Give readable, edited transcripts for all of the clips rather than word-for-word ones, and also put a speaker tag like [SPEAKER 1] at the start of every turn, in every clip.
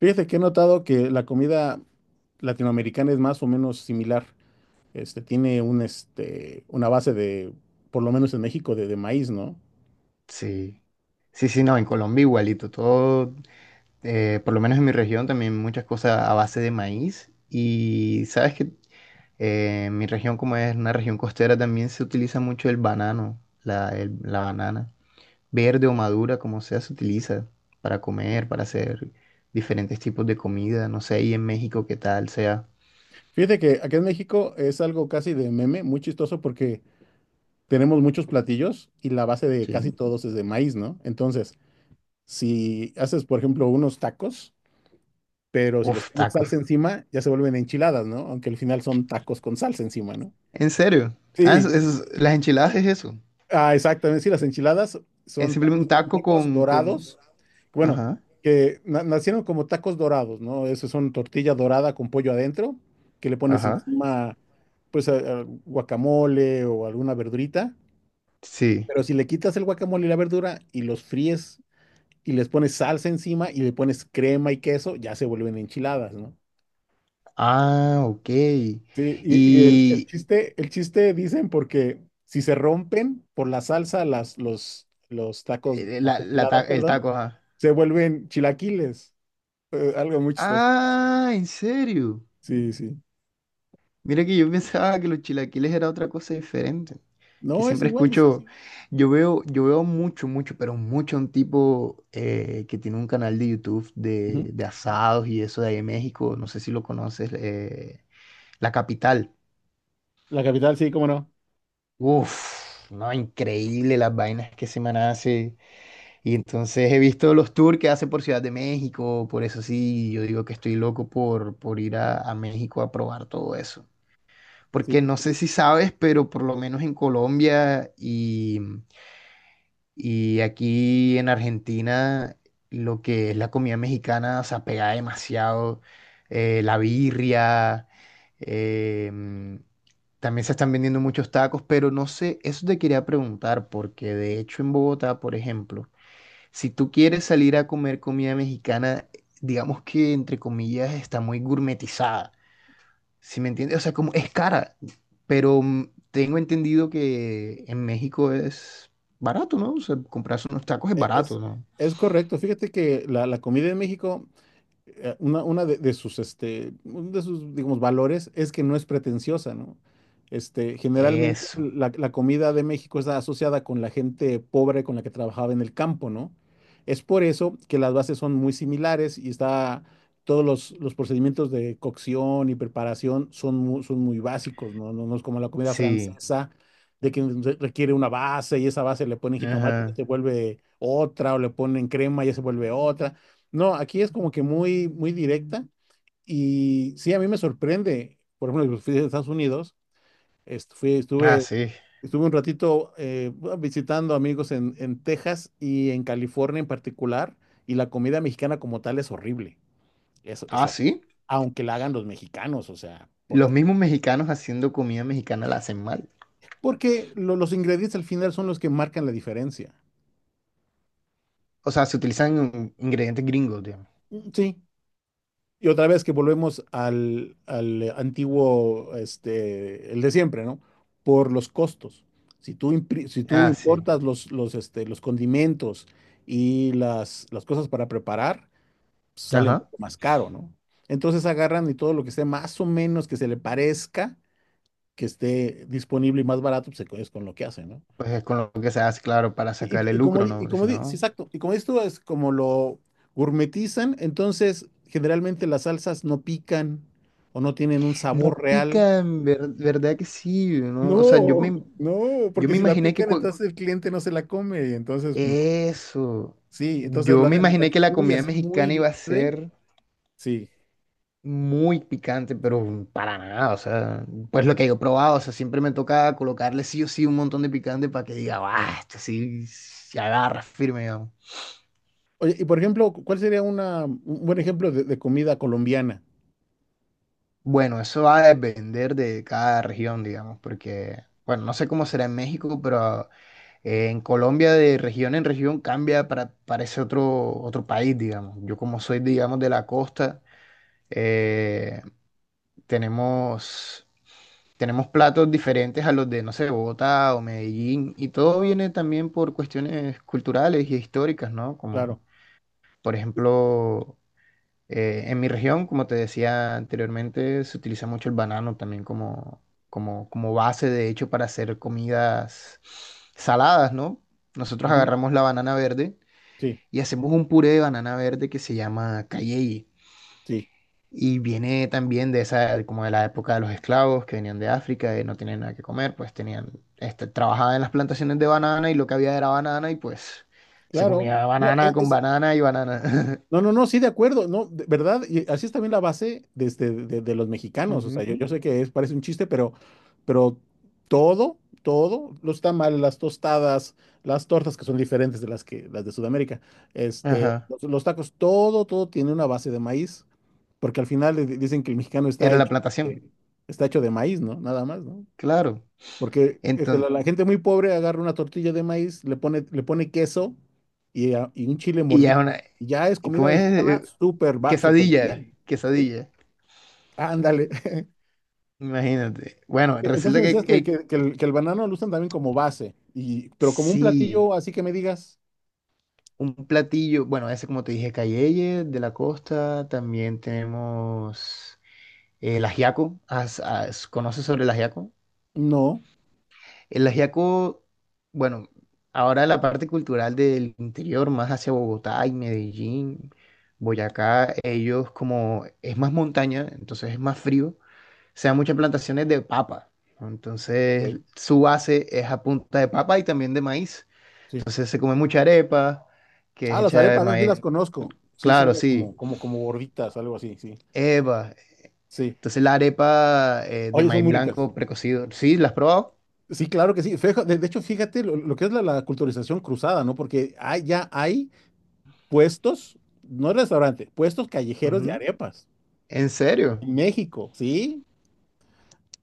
[SPEAKER 1] Fíjate que he notado que la comida latinoamericana es más o menos similar. Tiene una base de, por lo menos en México, de maíz, ¿no?
[SPEAKER 2] Sí, sí, sí, no, en Colombia igualito, todo, por lo menos en mi región también muchas cosas a base de maíz. Y sabes que, mi región como es una región costera también se utiliza mucho el banano, la banana, verde o madura, como sea, se utiliza para comer, para hacer diferentes tipos de comida, no sé, ¿y en México qué tal sea?
[SPEAKER 1] Fíjate que aquí en México es algo casi de meme, muy chistoso porque tenemos muchos platillos y la base de casi
[SPEAKER 2] Sí.
[SPEAKER 1] todos es de maíz, ¿no? Entonces, si haces, por ejemplo, unos tacos, pero si les
[SPEAKER 2] Uf,
[SPEAKER 1] pones salsa
[SPEAKER 2] tacos.
[SPEAKER 1] encima, ya se vuelven enchiladas, ¿no? Aunque al final son tacos con salsa encima, ¿no?
[SPEAKER 2] ¿En serio? Ah,
[SPEAKER 1] Sí,
[SPEAKER 2] las enchiladas es eso,
[SPEAKER 1] ah, exactamente, sí, las enchiladas
[SPEAKER 2] es
[SPEAKER 1] son,
[SPEAKER 2] simplemente un
[SPEAKER 1] son
[SPEAKER 2] taco
[SPEAKER 1] tacos
[SPEAKER 2] con.
[SPEAKER 1] dorados, bueno,
[SPEAKER 2] Ajá,
[SPEAKER 1] nacieron como tacos dorados, ¿no? Eso son tortilla dorada con pollo adentro, que le pones
[SPEAKER 2] ajá.
[SPEAKER 1] encima, pues, a guacamole o alguna verdurita,
[SPEAKER 2] Sí.
[SPEAKER 1] pero si le quitas el guacamole y la verdura y los fríes y les pones salsa encima y le pones crema y queso, ya se vuelven enchiladas, ¿no?
[SPEAKER 2] Ah, ok.
[SPEAKER 1] Sí, y
[SPEAKER 2] Y
[SPEAKER 1] el chiste dicen porque si se rompen por la salsa, los tacos, las enchiladas,
[SPEAKER 2] el
[SPEAKER 1] perdón,
[SPEAKER 2] taco, ajá.
[SPEAKER 1] se vuelven chilaquiles. Algo muy chistoso.
[SPEAKER 2] Ah, ¿en serio?
[SPEAKER 1] Sí, sí.
[SPEAKER 2] Mira que yo pensaba que los chilaquiles era otra cosa diferente. Que
[SPEAKER 1] No, es
[SPEAKER 2] siempre
[SPEAKER 1] igual.
[SPEAKER 2] escucho, yo veo mucho, mucho, pero mucho un tipo que tiene un canal de YouTube
[SPEAKER 1] Ujú.
[SPEAKER 2] de asados y eso de ahí en México. No sé si lo conoces. La Capital.
[SPEAKER 1] La capital, sí, cómo no.
[SPEAKER 2] Uf, no, increíble las vainas que se me hace. Y entonces he visto los tours que hace por Ciudad de México, por eso sí, yo digo que estoy loco por ir a México a probar todo eso. Porque
[SPEAKER 1] Sí,
[SPEAKER 2] no sé si sabes, pero por lo menos en Colombia y aquí en Argentina, lo que es la comida mexicana se apega demasiado. La birria, em, también se están vendiendo muchos tacos, pero no sé, eso te quería preguntar, porque de hecho en Bogotá, por ejemplo, si tú quieres salir a comer comida mexicana, digamos que entre comillas está muy gourmetizada. ¿Sí me entiendes? O sea, como es cara, pero tengo entendido que en México es barato, ¿no? O sea, comprarse unos tacos es
[SPEAKER 1] e-
[SPEAKER 2] barato,
[SPEAKER 1] es,
[SPEAKER 2] ¿no?
[SPEAKER 1] es correcto. Fíjate que la comida en México una uno de sus, digamos, valores es que no es pretenciosa, ¿no? Generalmente
[SPEAKER 2] Eso,
[SPEAKER 1] la comida de México está asociada con la gente pobre con la que trabajaba en el campo, ¿no? Es por eso que las bases son muy similares y está, todos los procedimientos de cocción y preparación son muy básicos, ¿no? No, no es como la comida
[SPEAKER 2] sí.
[SPEAKER 1] francesa, de que requiere una base y esa base le ponen jitomate y ya
[SPEAKER 2] Ajá.
[SPEAKER 1] se vuelve otra, o le ponen crema y ya se vuelve otra. No, aquí es como que muy, muy directa y sí, a mí me sorprende. Por ejemplo, fui a Estados Unidos,
[SPEAKER 2] Ah,
[SPEAKER 1] estuve,
[SPEAKER 2] sí.
[SPEAKER 1] estuve un ratito bueno, visitando amigos en Texas y en California en particular, y la comida mexicana como tal es horrible. Eso,
[SPEAKER 2] Ah,
[SPEAKER 1] eso,
[SPEAKER 2] sí.
[SPEAKER 1] aunque la hagan los mexicanos, o sea, ¿por
[SPEAKER 2] Los
[SPEAKER 1] qué?
[SPEAKER 2] mismos mexicanos haciendo comida mexicana la hacen mal.
[SPEAKER 1] Porque los ingredientes al final son los que marcan la diferencia.
[SPEAKER 2] O sea, se utilizan ingredientes gringos, digamos.
[SPEAKER 1] Sí, y otra vez que volvemos al antiguo, este, el de siempre, ¿no? Por los costos. Si tú, si tú
[SPEAKER 2] Ah, sí.
[SPEAKER 1] importas los condimentos y las cosas para preparar, pues, sale
[SPEAKER 2] Ajá.
[SPEAKER 1] mucho más caro, ¿no? Entonces agarran y todo lo que esté más o menos que se le parezca, que esté disponible y más barato, pues es con lo que hacen, ¿no?
[SPEAKER 2] Pues es con lo que se hace, claro, para sacarle lucro, ¿no? Porque si
[SPEAKER 1] Sí,
[SPEAKER 2] no.
[SPEAKER 1] exacto, y como dices tú, es como lo gourmetizan, entonces generalmente las salsas no pican o no tienen un sabor
[SPEAKER 2] No
[SPEAKER 1] real.
[SPEAKER 2] pica, verdad que sí, ¿no? O sea,
[SPEAKER 1] No, no,
[SPEAKER 2] yo
[SPEAKER 1] porque
[SPEAKER 2] me
[SPEAKER 1] si la
[SPEAKER 2] imaginé que...
[SPEAKER 1] pican,
[SPEAKER 2] cua-
[SPEAKER 1] entonces el cliente no se la come, y entonces, no.
[SPEAKER 2] Eso.
[SPEAKER 1] Sí, entonces
[SPEAKER 2] Yo me
[SPEAKER 1] lo
[SPEAKER 2] imaginé
[SPEAKER 1] hacen
[SPEAKER 2] que la
[SPEAKER 1] muy
[SPEAKER 2] comida
[SPEAKER 1] así, muy
[SPEAKER 2] mexicana iba a
[SPEAKER 1] leve.
[SPEAKER 2] ser
[SPEAKER 1] Sí.
[SPEAKER 2] muy picante, pero para nada, o sea, pues lo que yo he probado, o sea, siempre me toca colocarle sí o sí un montón de picante para que diga, ah, esto sí se agarra firme, digamos.
[SPEAKER 1] Oye, y por ejemplo, ¿cuál sería un buen ejemplo de comida colombiana?
[SPEAKER 2] Bueno, eso va a depender de cada región, digamos, porque, bueno, no sé cómo será en México, pero en Colombia, de región en región, cambia para ese otro país, digamos. Yo como soy, digamos, de la costa, eh, tenemos, tenemos platos diferentes a los de, no sé, Bogotá o Medellín, y todo viene también por cuestiones culturales y históricas, ¿no?
[SPEAKER 1] Claro.
[SPEAKER 2] Como, por ejemplo... en mi región, como te decía anteriormente, se utiliza mucho el banano también como base, de hecho, para hacer comidas saladas, ¿no? Nosotros
[SPEAKER 1] Ujú.
[SPEAKER 2] agarramos la banana verde
[SPEAKER 1] Sí,
[SPEAKER 2] y hacemos un puré de banana verde que se llama cayeye.
[SPEAKER 1] sí,
[SPEAKER 2] Y viene también de esa, como de la época de los esclavos que venían de África y no tenían nada que comer, pues tenían, este, trabajaban en las plantaciones de banana y lo que había era banana y pues se
[SPEAKER 1] claro.
[SPEAKER 2] comía
[SPEAKER 1] No,
[SPEAKER 2] banana
[SPEAKER 1] es,
[SPEAKER 2] con
[SPEAKER 1] es-
[SPEAKER 2] banana y banana.
[SPEAKER 1] No, no, no, sí, de acuerdo, no, de verdad, y así es también la base de, de los mexicanos, o sea, yo,
[SPEAKER 2] Ujú.
[SPEAKER 1] yo sé que es, parece un chiste, pero todo, todo, los tamales, las tostadas, las tortas que son diferentes de las de Sudamérica, este,
[SPEAKER 2] Ajá,
[SPEAKER 1] los tacos, todo, todo tiene una base de maíz, porque al final dicen que el mexicano
[SPEAKER 2] era la plantación.
[SPEAKER 1] de, está hecho de maíz, ¿no? Nada más, ¿no?
[SPEAKER 2] Claro.
[SPEAKER 1] Porque este,
[SPEAKER 2] Entonces,
[SPEAKER 1] la gente muy pobre agarra una tortilla de maíz, le pone queso y un chile
[SPEAKER 2] y ya es
[SPEAKER 1] mordido.
[SPEAKER 2] una,
[SPEAKER 1] Ya es
[SPEAKER 2] ¿cómo
[SPEAKER 1] comida
[SPEAKER 2] es?
[SPEAKER 1] mexicana súper, va súper
[SPEAKER 2] Quesadilla,
[SPEAKER 1] bien. ¿Sí?
[SPEAKER 2] quesadilla,
[SPEAKER 1] Ándale.
[SPEAKER 2] imagínate. Bueno,
[SPEAKER 1] Entonces
[SPEAKER 2] resulta
[SPEAKER 1] me
[SPEAKER 2] que
[SPEAKER 1] decías que,
[SPEAKER 2] él,
[SPEAKER 1] que el banano lo usan también como base, y, pero como un
[SPEAKER 2] sí,
[SPEAKER 1] platillo, así que me digas,
[SPEAKER 2] un platillo, bueno, ese como te dije, cayeye de la costa, también tenemos el ajiaco. ¿Conoces sobre el ajiaco?
[SPEAKER 1] no.
[SPEAKER 2] El ajiaco, bueno, ahora la parte cultural del interior, más hacia Bogotá y Medellín, Boyacá, ellos como es más montaña, entonces es más frío. O sea, muchas plantaciones de papa.
[SPEAKER 1] Ok,
[SPEAKER 2] Entonces, su base es a punta de papa y también de maíz.
[SPEAKER 1] sí.
[SPEAKER 2] Entonces, se come mucha arepa, que
[SPEAKER 1] Ah,
[SPEAKER 2] es
[SPEAKER 1] las
[SPEAKER 2] hecha de
[SPEAKER 1] arepas, esas sí
[SPEAKER 2] maíz.
[SPEAKER 1] las conozco. Sí,
[SPEAKER 2] Claro,
[SPEAKER 1] son
[SPEAKER 2] sí.
[SPEAKER 1] como, como gorditas, algo así, sí.
[SPEAKER 2] Eva.
[SPEAKER 1] Sí.
[SPEAKER 2] Entonces, la arepa de
[SPEAKER 1] Oye, son
[SPEAKER 2] maíz
[SPEAKER 1] muy ricas.
[SPEAKER 2] blanco precocido. Sí, ¿la has probado?
[SPEAKER 1] Sí, claro que sí. De hecho, fíjate lo que es la culturización cruzada, ¿no? Porque ya hay puestos, no restaurante, puestos callejeros de
[SPEAKER 2] Ujú.
[SPEAKER 1] arepas.
[SPEAKER 2] ¿En serio?
[SPEAKER 1] En México, ¿sí?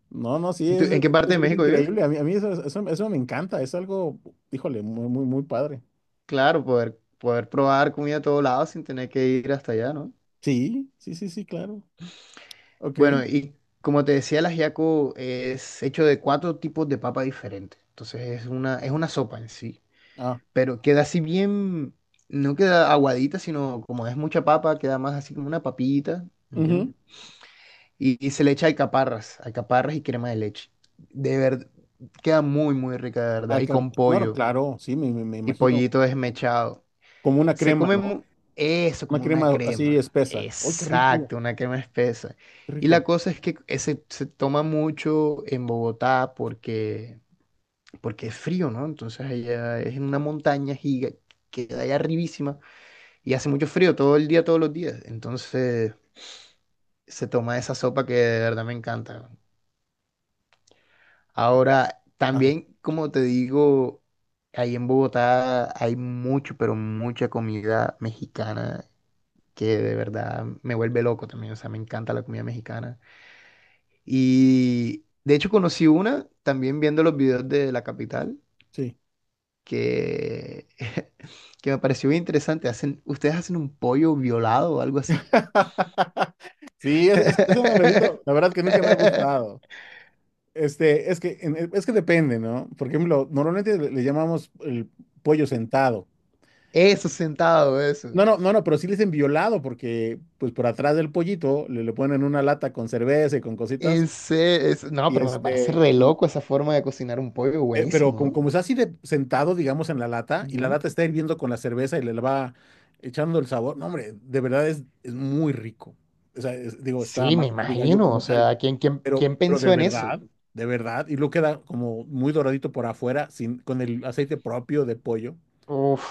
[SPEAKER 1] No, no, sí,
[SPEAKER 2] ¿Y tú, en qué parte de
[SPEAKER 1] es
[SPEAKER 2] México vives?
[SPEAKER 1] increíble. A mí, eso me encanta. Es algo, híjole, muy, muy, muy padre.
[SPEAKER 2] Claro, poder probar comida a todos lados sin tener que ir hasta allá, ¿no?
[SPEAKER 1] Sí, sí, sí, sí, claro. Ok.
[SPEAKER 2] Bueno, y como te decía, el ajiaco es hecho de cuatro tipos de papa diferentes. Entonces es una sopa en sí.
[SPEAKER 1] Ah,
[SPEAKER 2] Pero queda así bien, no queda aguadita, sino como es mucha papa, queda más así como una papita, ¿entiendes?
[SPEAKER 1] ujú.
[SPEAKER 2] Y se le echa alcaparras y crema de leche. De verdad, queda muy, muy rica, de verdad. Y
[SPEAKER 1] Acá,
[SPEAKER 2] con
[SPEAKER 1] no, no,
[SPEAKER 2] pollo,
[SPEAKER 1] claro, sí, me
[SPEAKER 2] y
[SPEAKER 1] imagino.
[SPEAKER 2] pollito desmechado.
[SPEAKER 1] Como una
[SPEAKER 2] Se
[SPEAKER 1] crema,
[SPEAKER 2] come
[SPEAKER 1] ¿no?
[SPEAKER 2] mu- eso
[SPEAKER 1] Una
[SPEAKER 2] como una
[SPEAKER 1] crema así
[SPEAKER 2] crema,
[SPEAKER 1] espesa. ¡Ay, qué rico!
[SPEAKER 2] exacto, una crema espesa.
[SPEAKER 1] ¡Qué
[SPEAKER 2] Y
[SPEAKER 1] rico!
[SPEAKER 2] la cosa es que ese se toma mucho en Bogotá porque, porque es frío, ¿no? Entonces allá es en una montaña giga, queda allá arribísima. Y hace mucho frío todo el día, todos los días. Entonces se toma esa sopa que de verdad me encanta.
[SPEAKER 1] Acá.
[SPEAKER 2] Ahora,
[SPEAKER 1] Ah,
[SPEAKER 2] también, como te digo, ahí en Bogotá hay mucho, pero mucha comida mexicana que de verdad me vuelve loco también. O sea, me encanta la comida mexicana. Y de hecho conocí una también viendo los videos de la capital
[SPEAKER 1] sí.
[SPEAKER 2] que, que me pareció bien interesante. Hacen, ustedes hacen un pollo violado o algo así.
[SPEAKER 1] Sí, es un amarillito. La verdad que nunca me ha gustado. Es que, es que depende, ¿no? Por ejemplo, normalmente le llamamos el pollo sentado.
[SPEAKER 2] Eso sentado, eso.
[SPEAKER 1] No, no, no, no, pero sí le dicen violado porque, pues, por atrás del pollito le ponen una lata con cerveza y con cositas
[SPEAKER 2] No,
[SPEAKER 1] y
[SPEAKER 2] pero me parece re
[SPEAKER 1] este, y,
[SPEAKER 2] loco esa forma de cocinar un pollo,
[SPEAKER 1] eh, pero
[SPEAKER 2] buenísimo,
[SPEAKER 1] como,
[SPEAKER 2] ¿no?
[SPEAKER 1] como está así de sentado, digamos, en la lata, y la
[SPEAKER 2] Ujú.
[SPEAKER 1] lata está hirviendo con la cerveza y le va echando el sabor, no, hombre, de verdad es muy rico. O sea, digo, está
[SPEAKER 2] Sí, me
[SPEAKER 1] marca de gallo
[SPEAKER 2] imagino, o
[SPEAKER 1] como tal,
[SPEAKER 2] sea, ¿quién, quién, quién
[SPEAKER 1] pero
[SPEAKER 2] pensó en eso?
[SPEAKER 1] de verdad, y luego queda como muy doradito por afuera, sin, con el aceite propio de pollo.
[SPEAKER 2] Uf,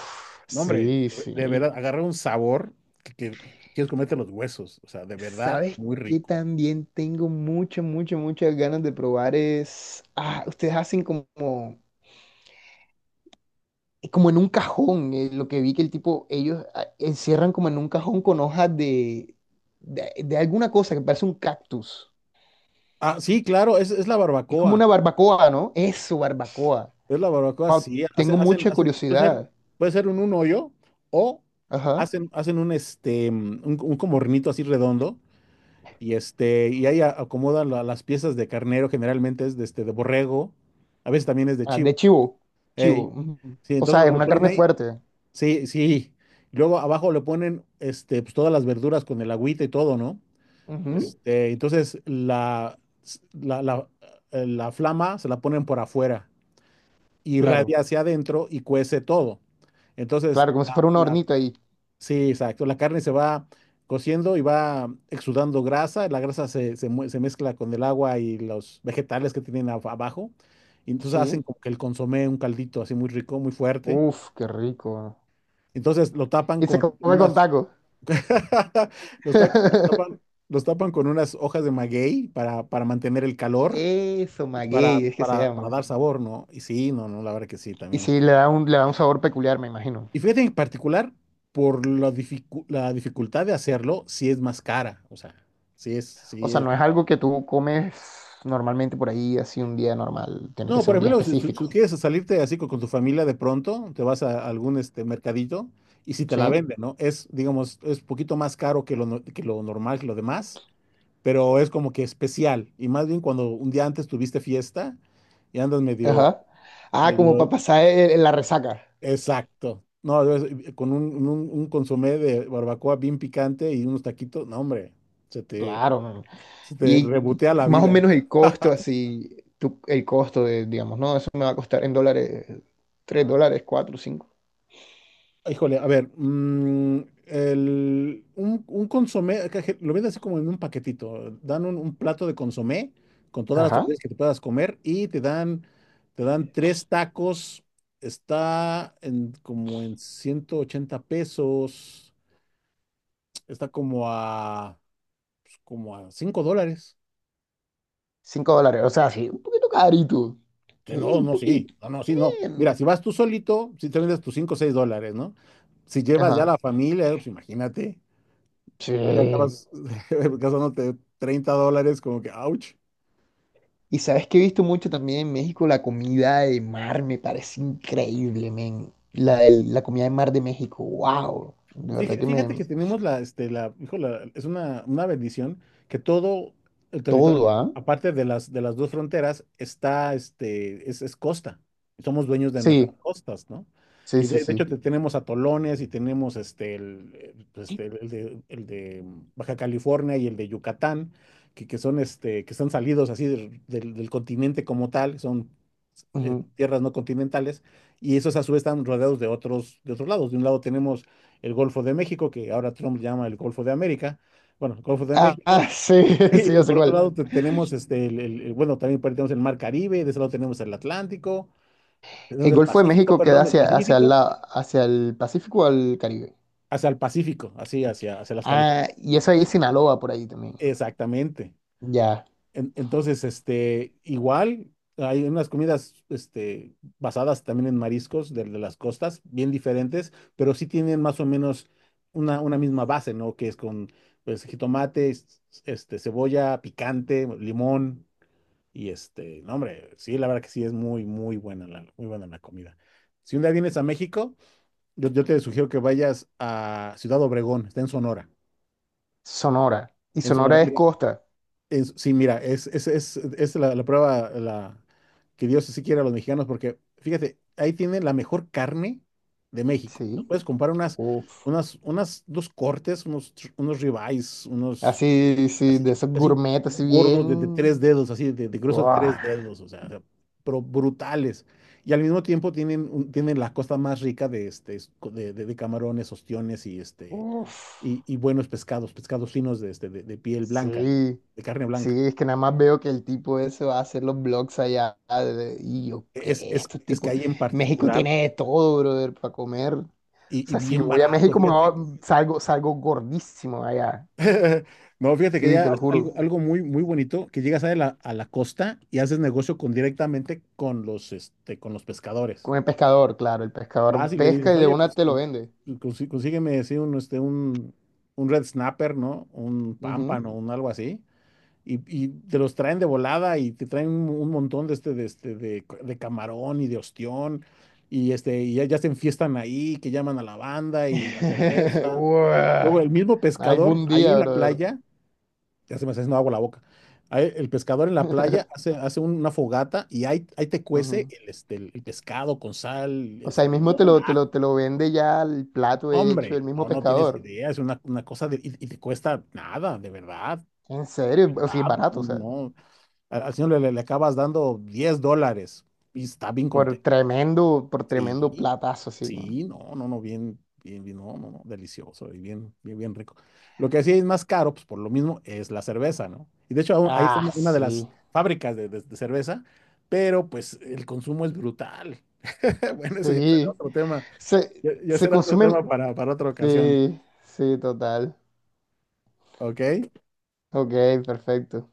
[SPEAKER 1] No,
[SPEAKER 2] sí,
[SPEAKER 1] hombre,
[SPEAKER 2] sí.
[SPEAKER 1] de verdad, agarra un sabor que quieres comerte los huesos, o sea, de verdad,
[SPEAKER 2] ¿Sabes
[SPEAKER 1] muy
[SPEAKER 2] qué
[SPEAKER 1] rico.
[SPEAKER 2] también tengo muchas ganas de probar? Ah, ustedes hacen como, como en un cajón, lo que vi que el tipo, ellos ah, encierran como en un cajón con hojas de alguna cosa que parece un cactus.
[SPEAKER 1] Ah, sí, claro, es la
[SPEAKER 2] Es como
[SPEAKER 1] barbacoa.
[SPEAKER 2] una barbacoa, ¿no? Eso, barbacoa.
[SPEAKER 1] Es la barbacoa,
[SPEAKER 2] Wow,
[SPEAKER 1] sí,
[SPEAKER 2] tengo mucha curiosidad.
[SPEAKER 1] puede ser un hoyo o
[SPEAKER 2] Ajá.
[SPEAKER 1] hacen, hacen un un como hornito así redondo y este, y ahí acomodan las piezas de carnero, generalmente es de este, de borrego, a veces también es de
[SPEAKER 2] Ah,
[SPEAKER 1] chivo.
[SPEAKER 2] de chivo. Chivo.
[SPEAKER 1] Ey,
[SPEAKER 2] Ujú.
[SPEAKER 1] sí,
[SPEAKER 2] O
[SPEAKER 1] entonces
[SPEAKER 2] sea, es
[SPEAKER 1] lo
[SPEAKER 2] una
[SPEAKER 1] ponen
[SPEAKER 2] carne
[SPEAKER 1] ahí,
[SPEAKER 2] fuerte.
[SPEAKER 1] sí, sí. Y luego abajo le ponen este, pues, todas las verduras con el agüita y todo, ¿no?
[SPEAKER 2] Ujú,
[SPEAKER 1] Este, entonces la, la, la flama se la ponen por afuera, irradia
[SPEAKER 2] claro.
[SPEAKER 1] hacia adentro y cuece todo. Entonces,
[SPEAKER 2] Claro, como si fuera un
[SPEAKER 1] la- la-
[SPEAKER 2] hornito ahí.
[SPEAKER 1] sí, exacto, la carne se va cociendo y va exudando grasa, la grasa se mezcla con el agua y los vegetales que tienen abajo, y entonces hacen
[SPEAKER 2] Sí.
[SPEAKER 1] como que el consomé, un caldito así muy rico, muy fuerte.
[SPEAKER 2] Uf, qué rico.
[SPEAKER 1] Entonces lo tapan
[SPEAKER 2] Y se
[SPEAKER 1] con
[SPEAKER 2] come con
[SPEAKER 1] unas,
[SPEAKER 2] taco.
[SPEAKER 1] los tapan, tapan- los tapan con unas hojas de maguey para mantener el calor
[SPEAKER 2] Eso,
[SPEAKER 1] y
[SPEAKER 2] maguey, es que se
[SPEAKER 1] para
[SPEAKER 2] llama.
[SPEAKER 1] dar sabor, ¿no? Y sí, no, no, la verdad que sí,
[SPEAKER 2] Y
[SPEAKER 1] también.
[SPEAKER 2] sí, le da un sabor peculiar, me imagino.
[SPEAKER 1] Y fíjate en particular, por la dificultad de hacerlo, si es más cara. O sea, si es,
[SPEAKER 2] O
[SPEAKER 1] si
[SPEAKER 2] sea,
[SPEAKER 1] es.
[SPEAKER 2] no es algo que tú comes normalmente por ahí, así un día normal. Tiene que
[SPEAKER 1] No,
[SPEAKER 2] ser
[SPEAKER 1] por
[SPEAKER 2] un día
[SPEAKER 1] ejemplo, si
[SPEAKER 2] específico.
[SPEAKER 1] tú quieres salirte así con tu familia de pronto, te vas a algún este mercadito y si te la
[SPEAKER 2] ¿Sí?
[SPEAKER 1] venden, ¿no? Es, digamos, es un poquito más caro que lo, no- que lo normal, que lo demás, pero es como que especial. Y más bien cuando un día antes tuviste fiesta y andas medio,
[SPEAKER 2] Ajá. Ah, como para
[SPEAKER 1] medio
[SPEAKER 2] pasar la resaca.
[SPEAKER 1] exacto. No, debes- Con un consomé de barbacoa bien picante y unos taquitos, no, hombre, se te,
[SPEAKER 2] Claro, men.
[SPEAKER 1] se te
[SPEAKER 2] Y
[SPEAKER 1] rebotea la
[SPEAKER 2] más o
[SPEAKER 1] vida.
[SPEAKER 2] menos el costo, así, el costo de, digamos, no, eso me va a costar en dólares, $3, cuatro cinco.
[SPEAKER 1] Híjole, a ver, un consomé, acá lo venden así como en un paquetito. Dan un plato de consomé con todas las
[SPEAKER 2] Ajá.
[SPEAKER 1] tortillas que te puedas comer y te dan tres tacos. Está en, como en 180 pesos. Está como a, pues, como a $5.
[SPEAKER 2] $5, o sea, sí. Un poquito carito.
[SPEAKER 1] Que
[SPEAKER 2] Sí,
[SPEAKER 1] no,
[SPEAKER 2] un
[SPEAKER 1] no, sí,
[SPEAKER 2] poquito.
[SPEAKER 1] no, no, sí, no.
[SPEAKER 2] Bien.
[SPEAKER 1] Mira, si vas tú solito, si te vendes tus $5 o $6, ¿no? Si llevas ya
[SPEAKER 2] Ajá.
[SPEAKER 1] la familia, pues imagínate, ya, ya
[SPEAKER 2] Sí.
[SPEAKER 1] acabas gastándote $30, como que, ouch.
[SPEAKER 2] Y sabes que he visto mucho también en México la comida de mar, me parece increíble, men. La comida de mar de México, wow. De verdad que
[SPEAKER 1] Fíjate
[SPEAKER 2] me...
[SPEAKER 1] que tenemos la, este, la, hijo, la- es una bendición que todo el territorio,
[SPEAKER 2] Todo, ¿ah?
[SPEAKER 1] aparte de de las dos fronteras, es costa. Somos dueños de nuestras
[SPEAKER 2] Sí,
[SPEAKER 1] costas, ¿no?
[SPEAKER 2] sí,
[SPEAKER 1] Y
[SPEAKER 2] sí,
[SPEAKER 1] de
[SPEAKER 2] sí.
[SPEAKER 1] hecho tenemos atolones y tenemos el de Baja California y el de Yucatán, que son, este, que están salidos así del continente como tal, son
[SPEAKER 2] Ujú.
[SPEAKER 1] tierras no continentales, y esos a su vez están rodeados de otros lados. De un lado tenemos el Golfo de México, que ahora Trump llama el Golfo de América, bueno, el Golfo de
[SPEAKER 2] Ah,
[SPEAKER 1] México,
[SPEAKER 2] ah, sí, sí,
[SPEAKER 1] y,
[SPEAKER 2] ya sé
[SPEAKER 1] por otro
[SPEAKER 2] cuál.
[SPEAKER 1] lado tenemos, este, bueno, también por ahí tenemos el Mar Caribe, de ese lado tenemos el Atlántico,
[SPEAKER 2] ¿El
[SPEAKER 1] tenemos el
[SPEAKER 2] Golfo de
[SPEAKER 1] Pacífico,
[SPEAKER 2] México queda
[SPEAKER 1] perdón, el
[SPEAKER 2] hacia, hacia
[SPEAKER 1] Pacífico,
[SPEAKER 2] hacia el Pacífico o al Caribe?
[SPEAKER 1] hacia el Pacífico, así, hacia, hacia las Californias.
[SPEAKER 2] Ah, y eso ahí es Sinaloa por ahí también.
[SPEAKER 1] Exactamente.
[SPEAKER 2] Ya,
[SPEAKER 1] Entonces, este, igual hay unas comidas, este, basadas también en mariscos de las costas, bien diferentes, pero sí tienen más o menos una misma base, ¿no? Que es con, pues, jitomate, este, cebolla, picante, limón y este, no, hombre, sí, la verdad que sí es muy, muy buena muy buena la comida. Si un día vienes a México, yo te sugiero que vayas a Ciudad Obregón, está en Sonora.
[SPEAKER 2] Sonora. Y
[SPEAKER 1] En Sonora,
[SPEAKER 2] Sonora es
[SPEAKER 1] mira,
[SPEAKER 2] costa.
[SPEAKER 1] sí, mira, es la prueba que Dios sí quiere a los mexicanos, porque fíjate, ahí tienen la mejor carne de México. Tú
[SPEAKER 2] Sí.
[SPEAKER 1] puedes comprar
[SPEAKER 2] Uf.
[SPEAKER 1] unas, dos cortes, unos, unos ribeyes, unos
[SPEAKER 2] Así, sí, de
[SPEAKER 1] así,
[SPEAKER 2] esos
[SPEAKER 1] así
[SPEAKER 2] gourmet, así
[SPEAKER 1] gordos de
[SPEAKER 2] bien.
[SPEAKER 1] 3 dedos, así de grueso de
[SPEAKER 2] Uah.
[SPEAKER 1] 3 dedos, o sea, pero brutales. Y al mismo tiempo tienen, tienen la costa más rica de, de camarones, ostiones y, este,
[SPEAKER 2] Uf.
[SPEAKER 1] y buenos pescados, pescados finos de, de piel blanca, ¿no?
[SPEAKER 2] Sí.
[SPEAKER 1] De carne
[SPEAKER 2] Sí,
[SPEAKER 1] blanca.
[SPEAKER 2] es que nada más veo que el tipo ese va a hacer los blogs allá. Y yo, ¿qué? Estos
[SPEAKER 1] Es que
[SPEAKER 2] tipos.
[SPEAKER 1] hay en
[SPEAKER 2] México
[SPEAKER 1] particular
[SPEAKER 2] tiene de todo, brother, para comer. O
[SPEAKER 1] y
[SPEAKER 2] sea, si yo
[SPEAKER 1] bien
[SPEAKER 2] voy a
[SPEAKER 1] barato,
[SPEAKER 2] México,
[SPEAKER 1] fíjate.
[SPEAKER 2] salgo gordísimo allá.
[SPEAKER 1] No, fíjate que
[SPEAKER 2] Sí,
[SPEAKER 1] ya
[SPEAKER 2] te lo
[SPEAKER 1] algo,
[SPEAKER 2] juro.
[SPEAKER 1] algo muy, muy bonito, que llegas a a la costa y haces negocio con, directamente con con los pescadores.
[SPEAKER 2] Con el pescador, claro. El pescador
[SPEAKER 1] Vas y le
[SPEAKER 2] pesca
[SPEAKER 1] dices,
[SPEAKER 2] y de
[SPEAKER 1] oye,
[SPEAKER 2] una
[SPEAKER 1] pues
[SPEAKER 2] te lo vende.
[SPEAKER 1] consígueme sí, un red snapper, ¿no? Un
[SPEAKER 2] Ujú.
[SPEAKER 1] pámpano, un algo así. Y, y te los traen de volada y te traen un montón de camarón y de ostión, y este, y ya, ya se enfiestan ahí, que llaman a la banda y la cerveza.
[SPEAKER 2] Uah,
[SPEAKER 1] Luego el mismo pescador
[SPEAKER 2] algún
[SPEAKER 1] ahí en
[SPEAKER 2] día,
[SPEAKER 1] la
[SPEAKER 2] brother.
[SPEAKER 1] playa, ya se me está haciendo agua la boca. Ahí el pescador en la playa hace, hace una fogata y ahí, ahí te cuece
[SPEAKER 2] Ujú.
[SPEAKER 1] el, el pescado con sal,
[SPEAKER 2] O sea, ahí
[SPEAKER 1] este,
[SPEAKER 2] mismo te
[SPEAKER 1] limón.
[SPEAKER 2] lo, te
[SPEAKER 1] ¡Ah,
[SPEAKER 2] lo, te lo vende ya el plato hecho,
[SPEAKER 1] hombre,
[SPEAKER 2] el mismo
[SPEAKER 1] no, no tienes
[SPEAKER 2] pescador.
[SPEAKER 1] idea, es una cosa de- y te cuesta nada,
[SPEAKER 2] En
[SPEAKER 1] de
[SPEAKER 2] serio, o sea, es
[SPEAKER 1] verdad, no,
[SPEAKER 2] barato, o sea,
[SPEAKER 1] no, no. Al señor le acabas dando $10 y está bien contento.
[SPEAKER 2] por tremendo
[SPEAKER 1] Sí,
[SPEAKER 2] platazo, sí. ¿No?
[SPEAKER 1] sí, no, no, no, bien, bien, bien, no, no, no, delicioso y bien, bien, bien rico. Lo que sí es más caro, pues por lo mismo, es la cerveza, ¿no? Y de hecho, ahí está
[SPEAKER 2] Ah,
[SPEAKER 1] una de las
[SPEAKER 2] sí,
[SPEAKER 1] fábricas de cerveza, pero pues el consumo es brutal. Bueno, ese ya será
[SPEAKER 2] sí.
[SPEAKER 1] otro tema,
[SPEAKER 2] Se,
[SPEAKER 1] ya, ya
[SPEAKER 2] se
[SPEAKER 1] será otro
[SPEAKER 2] consumen,
[SPEAKER 1] tema para otra ocasión,
[SPEAKER 2] sí, sí, total.
[SPEAKER 1] ¿ok?
[SPEAKER 2] Ok, perfecto.